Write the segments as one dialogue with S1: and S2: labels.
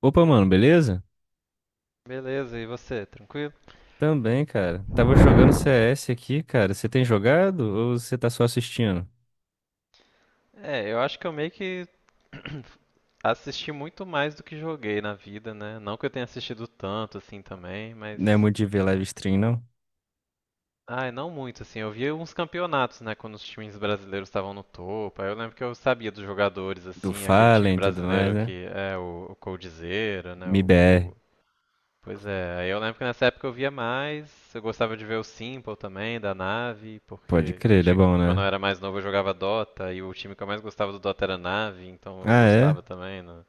S1: Opa, mano, beleza?
S2: Beleza, e você, tranquilo?
S1: Também, cara. Tava jogando CS aqui, cara. Você tem jogado ou você tá só assistindo?
S2: Eu acho que eu meio que assisti muito mais do que joguei na vida, né? Não que eu tenha assistido tanto assim também, mas.
S1: Não é muito de ver live stream, não?
S2: Ai, não muito, assim. Eu via uns campeonatos, né? Quando os times brasileiros estavam no topo. Aí eu lembro que eu sabia dos jogadores,
S1: Do
S2: assim, aquele time
S1: Fallen e tudo mais,
S2: brasileiro
S1: né?
S2: que é o Coldzera, né? O,
S1: MIBR.
S2: o Pois é, aí eu lembro que nessa época eu via mais, eu gostava de ver o Simple também, da Nave,
S1: Pode
S2: porque
S1: crer, ele é bom,
S2: quando eu
S1: né?
S2: era mais novo eu jogava Dota, e o time que eu mais gostava do Dota era a Nave, então eu
S1: Ah, é?
S2: gostava também no,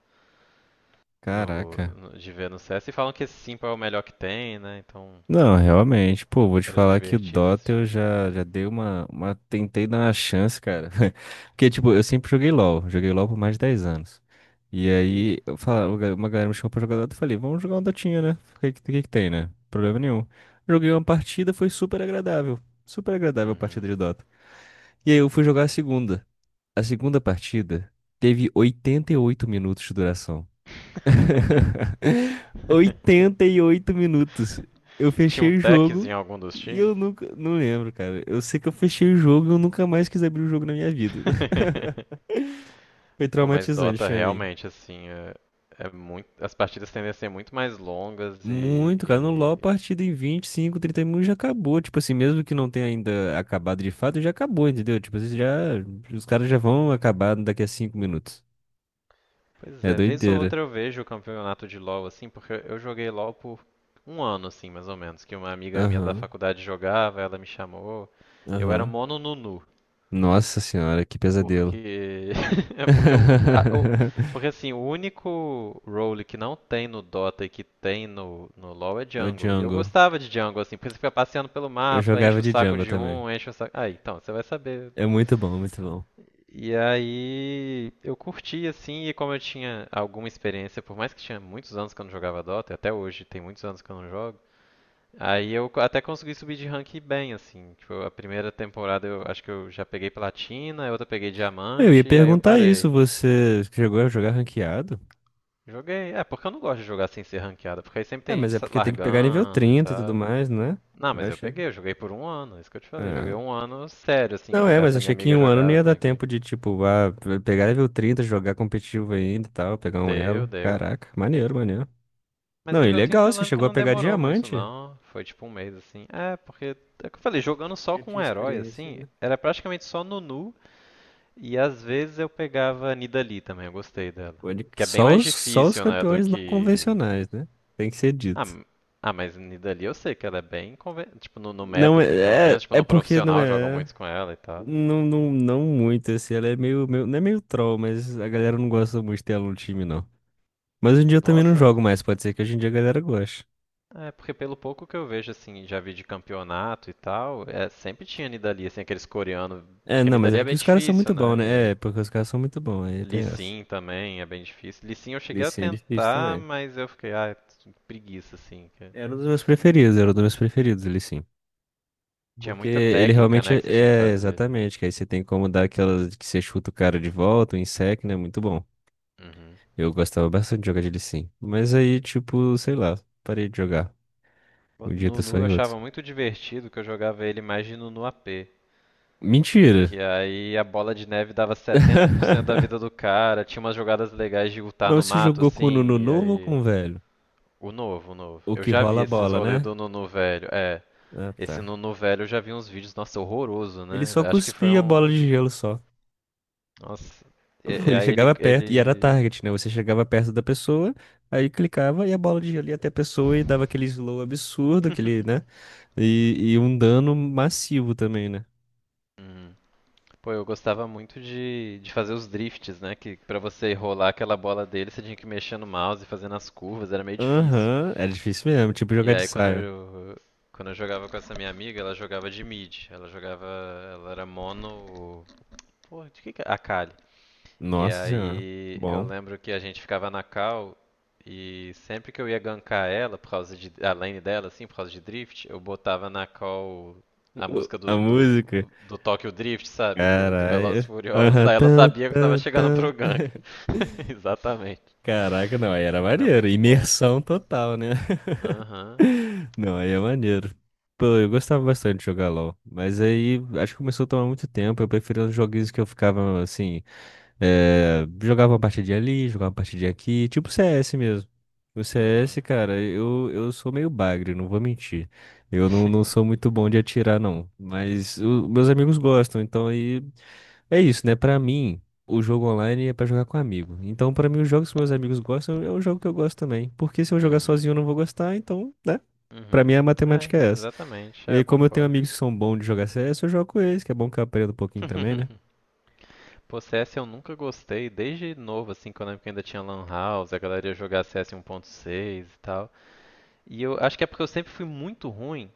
S2: no-
S1: Caraca.
S2: de ver no CS, e falam que esse Simple é o melhor que tem, né, então
S1: Não, realmente, pô, vou te
S2: era
S1: falar que o
S2: divertido
S1: Dota
S2: assistir.
S1: eu já dei uma. Tentei dar uma chance, cara. Porque, tipo, eu sempre joguei LOL. Joguei LOL por mais de 10 anos. E
S2: Ih.
S1: aí, eu falava, uma galera me chamou pra jogar Dota e falei, vamos jogar um Dotinha, né? O que que tem, né? Problema nenhum. Joguei uma partida, foi super agradável. Super agradável a
S2: Uhum.
S1: partida de Dota. E aí eu fui jogar a segunda. A segunda partida teve 88 minutos de duração. 88 minutos. Eu
S2: Tinha um
S1: fechei o
S2: techzinho
S1: jogo
S2: em algum dos
S1: e
S2: times?
S1: eu nunca. Não lembro, cara. Eu sei que eu fechei o jogo e eu nunca mais quis abrir o jogo na minha vida. Foi
S2: Pô, mas
S1: traumatizante
S2: Dota
S1: pra mim.
S2: realmente, assim, é muito, as partidas tendem a ser muito mais longas e,
S1: Muito, cara. No LoL, a
S2: e-
S1: partida em 25, 30 minutos já acabou. Tipo assim, mesmo que não tenha ainda acabado de fato, já acabou, entendeu? Tipo assim, já. Os caras já vão acabar daqui a 5 minutos.
S2: Pois
S1: É
S2: é, vez ou
S1: doideira.
S2: outra eu vejo o campeonato de LoL, assim, porque eu joguei LoL por 1 ano, assim, mais ou menos, que uma amiga minha da
S1: Aham,
S2: faculdade jogava, ela me chamou. Eu era
S1: aham.
S2: mono Nunu,
S1: Nossa senhora, que pesadelo.
S2: Porque. é porque, eu- a- o- porque assim, o único role que não tem no Dota e que tem no LoL é
S1: É o
S2: jungle. E eu
S1: Django.
S2: gostava de jungle, assim, porque você fica passeando pelo
S1: Eu
S2: mapa, enche
S1: jogava
S2: o
S1: de
S2: saco
S1: Django
S2: de
S1: também.
S2: um, enche o saco. Ah, então, você vai saber.
S1: É muito bom, muito bom.
S2: E aí eu curti, assim, e como eu tinha alguma experiência, por mais que tinha muitos anos que eu não jogava Dota, e até hoje tem muitos anos que eu não jogo. Até consegui subir de rank bem, assim. Tipo, a primeira temporada eu acho que eu já peguei platina, a outra eu peguei
S1: Eu ia
S2: diamante, aí eu
S1: perguntar
S2: parei.
S1: isso, você chegou a jogar ranqueado?
S2: Joguei. É, porque eu não gosto de jogar sem ser ranqueada, porque aí sempre
S1: É,
S2: tem
S1: mas
S2: gente
S1: é porque tem que pegar nível
S2: largando e
S1: 30 e tudo
S2: tal.
S1: mais, né?
S2: Não,
S1: Eu
S2: mas eu
S1: achei.
S2: peguei, eu joguei por 1 ano, isso que eu te falei. Joguei
S1: Ah.
S2: 1 ano sério, assim.
S1: Não é, mas
S2: Essa minha
S1: achei que em
S2: amiga
S1: um ano não
S2: jogava
S1: ia dar
S2: também comigo.
S1: tempo de, tipo, pegar nível 30, jogar competitivo ainda e tal, pegar um
S2: Deu,
S1: elo.
S2: deu.
S1: Caraca, maneiro, maneiro.
S2: Mas
S1: Não, e
S2: nível 30
S1: legal,
S2: eu
S1: você
S2: lembro que
S1: chegou a
S2: não
S1: pegar
S2: demorou muito,
S1: diamante.
S2: não. Foi tipo 1 mês, assim. É, porque. É o que eu falei, jogando só
S1: Eu
S2: com
S1: tinha
S2: um herói,
S1: experiência,
S2: assim,
S1: né?
S2: era praticamente só Nunu. E às vezes eu pegava a Nidalee também, eu gostei dela. Que é bem
S1: Só
S2: mais
S1: os, só os
S2: difícil, né, do
S1: campeões não
S2: que
S1: convencionais, né? Tem que ser
S2: Ah,
S1: dito.
S2: m- ah, mas Nidalee eu sei que ela é bem conven... Tipo, no meta,
S1: Não
S2: assim, pelo
S1: é,
S2: menos.
S1: é,
S2: Tipo,
S1: é
S2: no
S1: porque não
S2: profissional jogam
S1: é.
S2: muitos com ela e tal.
S1: Não, não, não muito, assim, ela é meio, não é meio troll, mas a galera não gosta muito dela no time, não. Mas hoje em dia eu também não
S2: Nossa,
S1: jogo mais, pode ser que hoje em dia a galera goste.
S2: é porque pelo pouco que eu vejo, assim, já vi de campeonato e tal, é, sempre tinha Nidalee, assim, aqueles coreanos.
S1: É,
S2: Porque
S1: não, mas
S2: Nidalee
S1: é
S2: é
S1: que
S2: bem
S1: os caras são
S2: difícil,
S1: muito bons,
S2: né?
S1: né?
S2: É,
S1: É, porque os caras são muito bons, aí
S2: Lee
S1: tem essa.
S2: Sin também é bem difícil. Lee Sin eu
S1: Lee
S2: cheguei a
S1: Sin é difícil
S2: tentar,
S1: também.
S2: mas eu fiquei, ah, preguiça, assim. Que
S1: Era um dos meus preferidos, era um dos meus preferidos, Lee Sin.
S2: tinha
S1: Porque
S2: muita
S1: ele
S2: técnica,
S1: realmente
S2: né,
S1: é,
S2: que você tinha que
S1: é,
S2: fazer. Né?
S1: exatamente, que aí você tem como dar aquela que você chuta o cara de volta, o insect, né? Muito bom.
S2: Uhum.
S1: Eu gostava bastante de jogar de Lee Sin. Mas aí, tipo, sei lá, parei de jogar.
S2: O
S1: Um dia tá só
S2: Nunu eu
S1: em outros.
S2: achava muito divertido que eu jogava ele mais de Nunu AP.
S1: Mentira!
S2: Que aí a bola de neve dava 70% da vida do cara, tinha umas jogadas legais de lutar no
S1: Mas você
S2: mato,
S1: jogou com o Nuno
S2: assim, e
S1: novo ou com
S2: aí.
S1: o velho?
S2: O novo, o novo.
S1: O
S2: Eu
S1: que
S2: já vi
S1: rola a
S2: esses
S1: bola,
S2: rolês
S1: né?
S2: do Nunu velho. É,
S1: Ah,
S2: esse
S1: tá.
S2: Nunu velho eu já vi uns vídeos, nossa, horroroso,
S1: Ele
S2: né?
S1: só
S2: Acho que foi
S1: cuspia a
S2: um.
S1: bola de gelo só.
S2: Nossa. E, e
S1: Ele
S2: aí ele.
S1: chegava perto e era
S2: ele...
S1: target, né? Você chegava perto da pessoa, aí clicava e a bola de gelo ia até a pessoa e dava aquele slow absurdo, aquele, né? E um dano massivo também, né?
S2: Hum. Pô, eu gostava muito de fazer os drifts, né? Que pra você rolar aquela bola dele, você tinha que mexer no mouse e fazendo as curvas, era meio difícil.
S1: Aham, era difícil mesmo, tipo
S2: E
S1: jogar de
S2: aí quando
S1: saia.
S2: eu, quando eu jogava com essa minha amiga, ela jogava de mid. Ela jogava. Ela era mono. Porra, de que é? Akali. E
S1: Nossa senhora,
S2: aí eu
S1: bom.
S2: lembro que a gente ficava na cal e sempre que eu ia gankar ela, por causa de. A lane dela, assim, por causa de drift, eu botava na cal a música
S1: A música,
S2: do Tokyo Drift, sabe? Do Velozes
S1: caralho.
S2: e Furiosos.
S1: Aham,
S2: Aí ela
S1: tan,
S2: sabia que eu tava
S1: tan,
S2: chegando pro
S1: tan.
S2: gank. Exatamente.
S1: Caraca, não, aí era
S2: Porra, era
S1: maneiro.
S2: muito bom.
S1: Imersão total, né?
S2: Aham.
S1: Não, aí é maneiro. Pô, eu gostava bastante de jogar LOL. Mas aí acho que começou a tomar muito tempo. Eu preferia os joguinhos que eu ficava assim. Jogava uma partidinha ali, jogava uma partidinha aqui. Tipo CS mesmo. O CS,
S2: Uhum.
S1: cara, eu sou meio bagre, não vou mentir. Eu não sou muito bom de atirar, não. Mas meus amigos gostam, então aí. É isso, né? Pra mim, o jogo online é pra jogar com amigo. Então, pra mim, os jogos que meus amigos gostam é um jogo que eu gosto também. Porque se eu jogar
S2: Uhum.
S1: sozinho, eu não vou gostar, então, né? Pra
S2: Uhum.
S1: mim, a
S2: É,
S1: matemática é essa.
S2: exatamente.
S1: E
S2: É, eu
S1: aí, como eu tenho
S2: concordo.
S1: amigos que são bons de jogar CS, eu jogo com eles, que é bom que eu aprendo um pouquinho também, né?
S2: Pô, CS eu nunca gostei, desde novo, assim, quando eu lembro que ainda tinha Lan House, a galera ia jogar CS 1.6 e tal. E eu acho que é porque eu sempre fui muito ruim.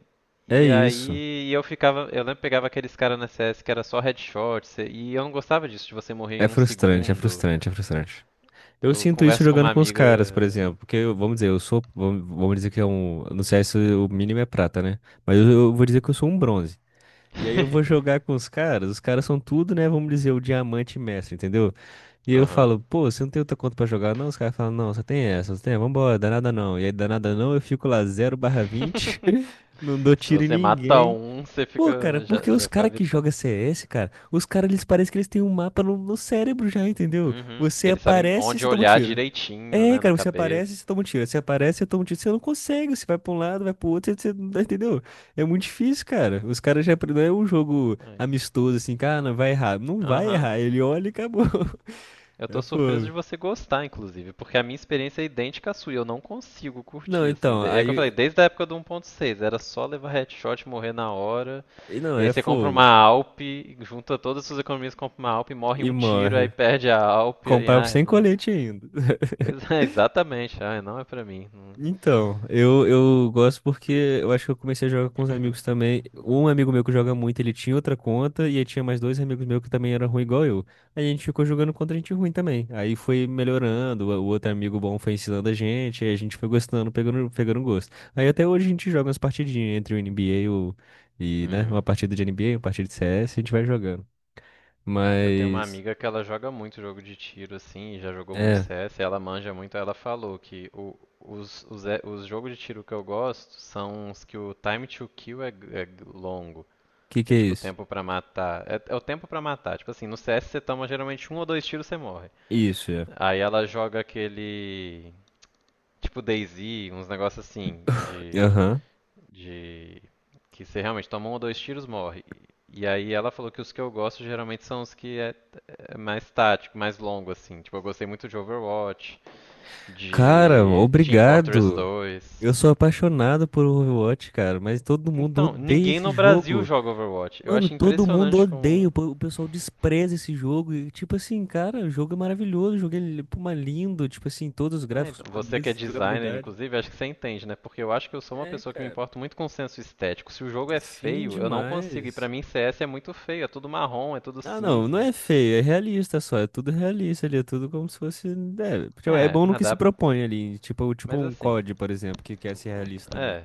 S1: É
S2: E
S1: isso.
S2: aí eu ficava, eu lembro que pegava aqueles caras na CS que era só headshot, e eu não gostava disso, de você morrer em
S1: É
S2: um
S1: frustrante, é
S2: segundo.
S1: frustrante, é frustrante. Eu
S2: Eu
S1: sinto isso
S2: converso com
S1: jogando
S2: uma
S1: com os
S2: amiga.
S1: caras, por exemplo. Porque, vamos dizer, eu sou. Vamos dizer que é um. No CS o mínimo é prata, né? Mas eu vou dizer que eu sou um bronze. E aí eu vou jogar com os caras são tudo, né? Vamos dizer, o diamante mestre, entendeu? E eu
S2: Aham.
S1: falo, pô, você não tem outra conta pra jogar, não? Os caras falam, não, só tem essa, só tem, vambora, danada não. E aí, danada não, eu fico lá zero barra 20 não dou
S2: Se
S1: tiro em
S2: você mata
S1: ninguém.
S2: um, você
S1: Pô, cara,
S2: fica.
S1: porque os
S2: Já foi a
S1: caras que
S2: vitória.
S1: jogam CS, cara, os caras, eles parecem que eles têm um mapa no cérebro já, entendeu?
S2: Uhum.
S1: Você
S2: Eles sabem
S1: aparece e
S2: onde
S1: você toma um
S2: olhar
S1: tiro.
S2: direitinho,
S1: É,
S2: né, na
S1: cara, você
S2: cabeça.
S1: aparece, e você toma um tiro. Você aparece, e toma um tiro. Você não consegue. Você vai pra um lado, vai pro outro, você não tá- entendeu? É muito difícil, cara. Os caras já não é um jogo
S2: Ai.
S1: amistoso assim, cara, não vai errar. Não vai
S2: Aham.
S1: errar. Ele olha e acabou.
S2: Eu
S1: É
S2: tô surpreso de
S1: fogo.
S2: você gostar, inclusive, porque a minha experiência é idêntica à sua e eu não consigo
S1: Não,
S2: curtir, assim.
S1: então,
S2: É o que eu
S1: aí,
S2: falei, desde a época do 1.6, era só levar headshot, morrer na hora.
S1: e não,
S2: E aí
S1: é
S2: você compra uma
S1: fogo.
S2: Alp, Junta todas as suas economias, compra uma Alp, morre
S1: E
S2: um tiro, aí
S1: morre.
S2: perde a Alp, aí,
S1: Comprar
S2: ai,
S1: sem
S2: não.
S1: colete ainda.
S2: Pois é, exatamente, ai, não é pra mim. Não.
S1: Então, eu gosto porque eu acho que eu comecei a jogar com os amigos também. Um amigo meu que joga muito, ele tinha outra conta, e aí tinha mais dois amigos meus que também eram ruim igual eu. Aí a gente ficou jogando contra gente ruim também. Aí foi melhorando, o outro amigo bom foi ensinando a gente, aí a gente foi gostando, pegando, pegando gosto. Aí até hoje a gente joga umas partidinhas entre o NBA e, o, e, né, uma
S2: Uhum.
S1: partida de NBA, uma partida de CS, a gente vai jogando.
S2: Eu tenho uma
S1: Mas,
S2: amiga que ela joga muito jogo de tiro, assim, e já jogou muito
S1: é, o
S2: CS, e ela manja muito, ela falou que os jogos de tiro que eu gosto são os que o time to kill é, longo,
S1: que
S2: que
S1: que
S2: é
S1: é
S2: tipo o
S1: isso?
S2: tempo pra matar. É, é o tempo pra matar, tipo assim, no CS você toma geralmente um ou dois tiros e você morre.
S1: Isso, é.
S2: Aí ela joga aquele, tipo DayZ, uns negócios assim,
S1: Aham.
S2: de que você realmente toma um ou dois tiros, morre. E aí ela falou que os que eu gosto geralmente são os que é mais tático, mais longo, assim. Tipo, eu gostei muito de Overwatch,
S1: Cara,
S2: de Team Fortress
S1: obrigado.
S2: 2.
S1: Eu sou apaixonado por Overwatch, cara, mas todo mundo
S2: Então,
S1: odeia
S2: ninguém
S1: esse
S2: no Brasil
S1: jogo.
S2: joga Overwatch. Eu
S1: Mano,
S2: acho
S1: todo mundo
S2: impressionante como.
S1: odeia, o pessoal despreza esse jogo. E, tipo assim, cara, o jogo é maravilhoso, o jogo é pô, mas lindo, tipo assim, todos os
S2: Ah,
S1: gráficos
S2: então, você que é
S1: bonitos,
S2: designer,
S1: jogabilidade.
S2: inclusive, acho que você entende, né? Porque eu acho que eu sou uma
S1: É,
S2: pessoa que me
S1: cara.
S2: importa muito com o senso estético. Se o jogo é
S1: Sim,
S2: feio, eu não consigo. E pra
S1: demais.
S2: mim, CS é muito feio. É tudo marrom, é tudo
S1: Ah, não, não
S2: cinza.
S1: é feio, é realista só, é tudo realista ali, é tudo como se fosse. É, tipo, é
S2: É,
S1: bom no
S2: mas
S1: que se
S2: dá.
S1: propõe ali, tipo,
S2: Mas
S1: um
S2: assim.
S1: COD, por exemplo, que quer ser realista também.
S2: É.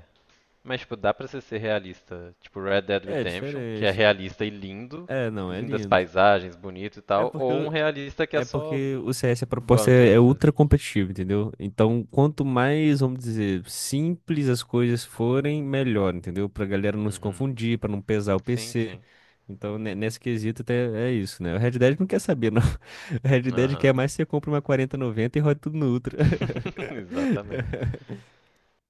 S2: Mas, tipo, dá pra você ser realista. Tipo, Red Dead
S1: É
S2: Redemption, que é
S1: diferente.
S2: realista e lindo,
S1: É, não, é
S2: lindas
S1: lindo.
S2: paisagens, bonito e
S1: É
S2: tal,
S1: porque
S2: ou um realista que é
S1: É
S2: só
S1: porque o CS, a proposta é
S2: bunker,
S1: é
S2: sabe?
S1: ultra competitiva, entendeu? Então, quanto mais, vamos dizer, simples as coisas forem, melhor, entendeu? Pra galera não se
S2: Uhum.
S1: confundir, pra não pesar o
S2: Sim,
S1: PC.
S2: sim.
S1: Então, nesse quesito, até é isso, né? O Red Dead não quer saber, não. O Red Dead quer
S2: Aham.
S1: mais que você compre uma 4090 e roda tudo no Ultra.
S2: Exatamente.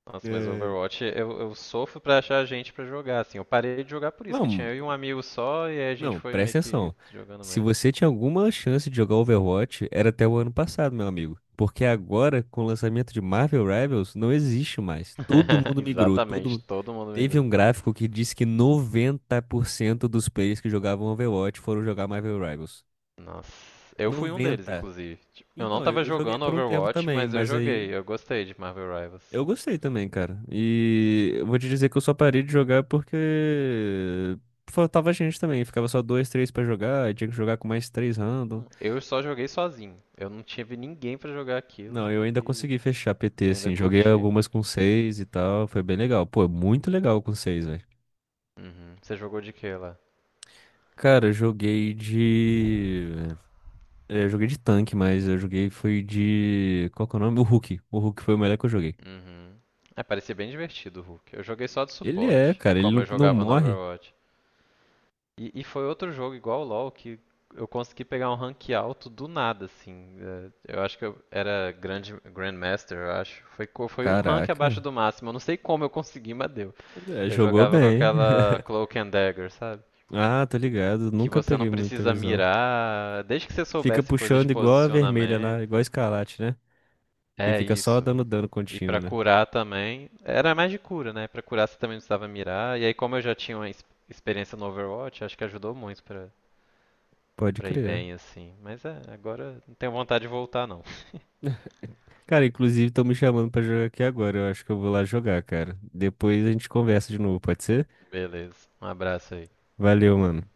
S2: Nossa, mas
S1: É.
S2: Overwatch, eu sofro pra achar gente pra jogar, assim. Eu parei de jogar por isso, que tinha
S1: Não,
S2: eu e um amigo só, e aí a gente
S1: não,
S2: foi meio
S1: presta
S2: que
S1: atenção.
S2: jogando
S1: Se
S2: mesmo.
S1: você tinha alguma chance de jogar Overwatch, era até o ano passado, meu amigo. Porque agora, com o lançamento de Marvel Rivals, não existe mais. Todo mundo migrou, todo
S2: Exatamente,
S1: mundo...
S2: todo mundo
S1: Teve
S2: migrou.
S1: um gráfico que disse que 90% dos players que jogavam Overwatch foram jogar Marvel Rivals.
S2: Nossa, eu fui um deles,
S1: 90.
S2: inclusive. Tipo, eu não
S1: Então, eu,
S2: tava
S1: eu joguei
S2: jogando
S1: por um tempo
S2: Overwatch,
S1: também,
S2: mas eu
S1: mas aí
S2: joguei. Eu gostei de Marvel Rivals.
S1: eu gostei também, cara. E eu vou te dizer que eu só parei de jogar porque faltava gente também. Ficava só dois, três pra jogar, e tinha que jogar com mais três random.
S2: Eu só joguei sozinho. Eu não tive ninguém pra jogar aquilo
S1: Não, eu ainda
S2: e,
S1: consegui fechar
S2: e
S1: PT,
S2: ainda
S1: assim. Joguei
S2: curti.
S1: algumas com 6 e tal. Foi bem legal. Pô, muito legal com 6, velho.
S2: Uhum. Você jogou de quê lá?
S1: Cara, eu joguei de. É, Eu joguei de tanque, mas eu joguei foi de. Qual que é o nome? O Hulk. O Hulk foi o melhor que eu joguei.
S2: Uhum. É, parecia bem divertido o Hulk. Eu joguei só de
S1: Ele é,
S2: suporte,
S1: cara, ele
S2: como
S1: não,
S2: eu
S1: não
S2: jogava no
S1: morre.
S2: Overwatch. Foi outro jogo igual o LoL que eu consegui pegar um rank alto do nada, assim. É, eu acho que eu era grande Grandmaster, eu acho. Foi um rank abaixo
S1: Caraca.
S2: do máximo. Eu não sei como eu consegui, mas deu.
S1: É,
S2: Eu
S1: jogou
S2: jogava com
S1: bem.
S2: aquela Cloak and Dagger, sabe?
S1: Ah, tô ligado.
S2: Que
S1: Nunca
S2: você não
S1: peguei muita
S2: precisa
S1: visão.
S2: mirar, desde que você
S1: Fica
S2: soubesse coisa de
S1: puxando igual a vermelha
S2: posicionamento.
S1: lá, igual a escarlate, né? E
S2: É
S1: fica só
S2: isso.
S1: dando dano
S2: E
S1: contínuo,
S2: pra
S1: né?
S2: curar também, era mais de cura, né? Pra curar você também não precisava mirar. E aí, como eu já tinha uma experiência no Overwatch, acho que ajudou muito pra
S1: Pode
S2: ir
S1: crer.
S2: bem, assim. Mas é, agora não tenho vontade de voltar, não.
S1: Cara, inclusive estão me chamando pra jogar aqui agora. Eu acho que eu vou lá jogar, cara. Depois a gente conversa de novo, pode ser?
S2: Beleza. Um abraço aí.
S1: Valeu, mano.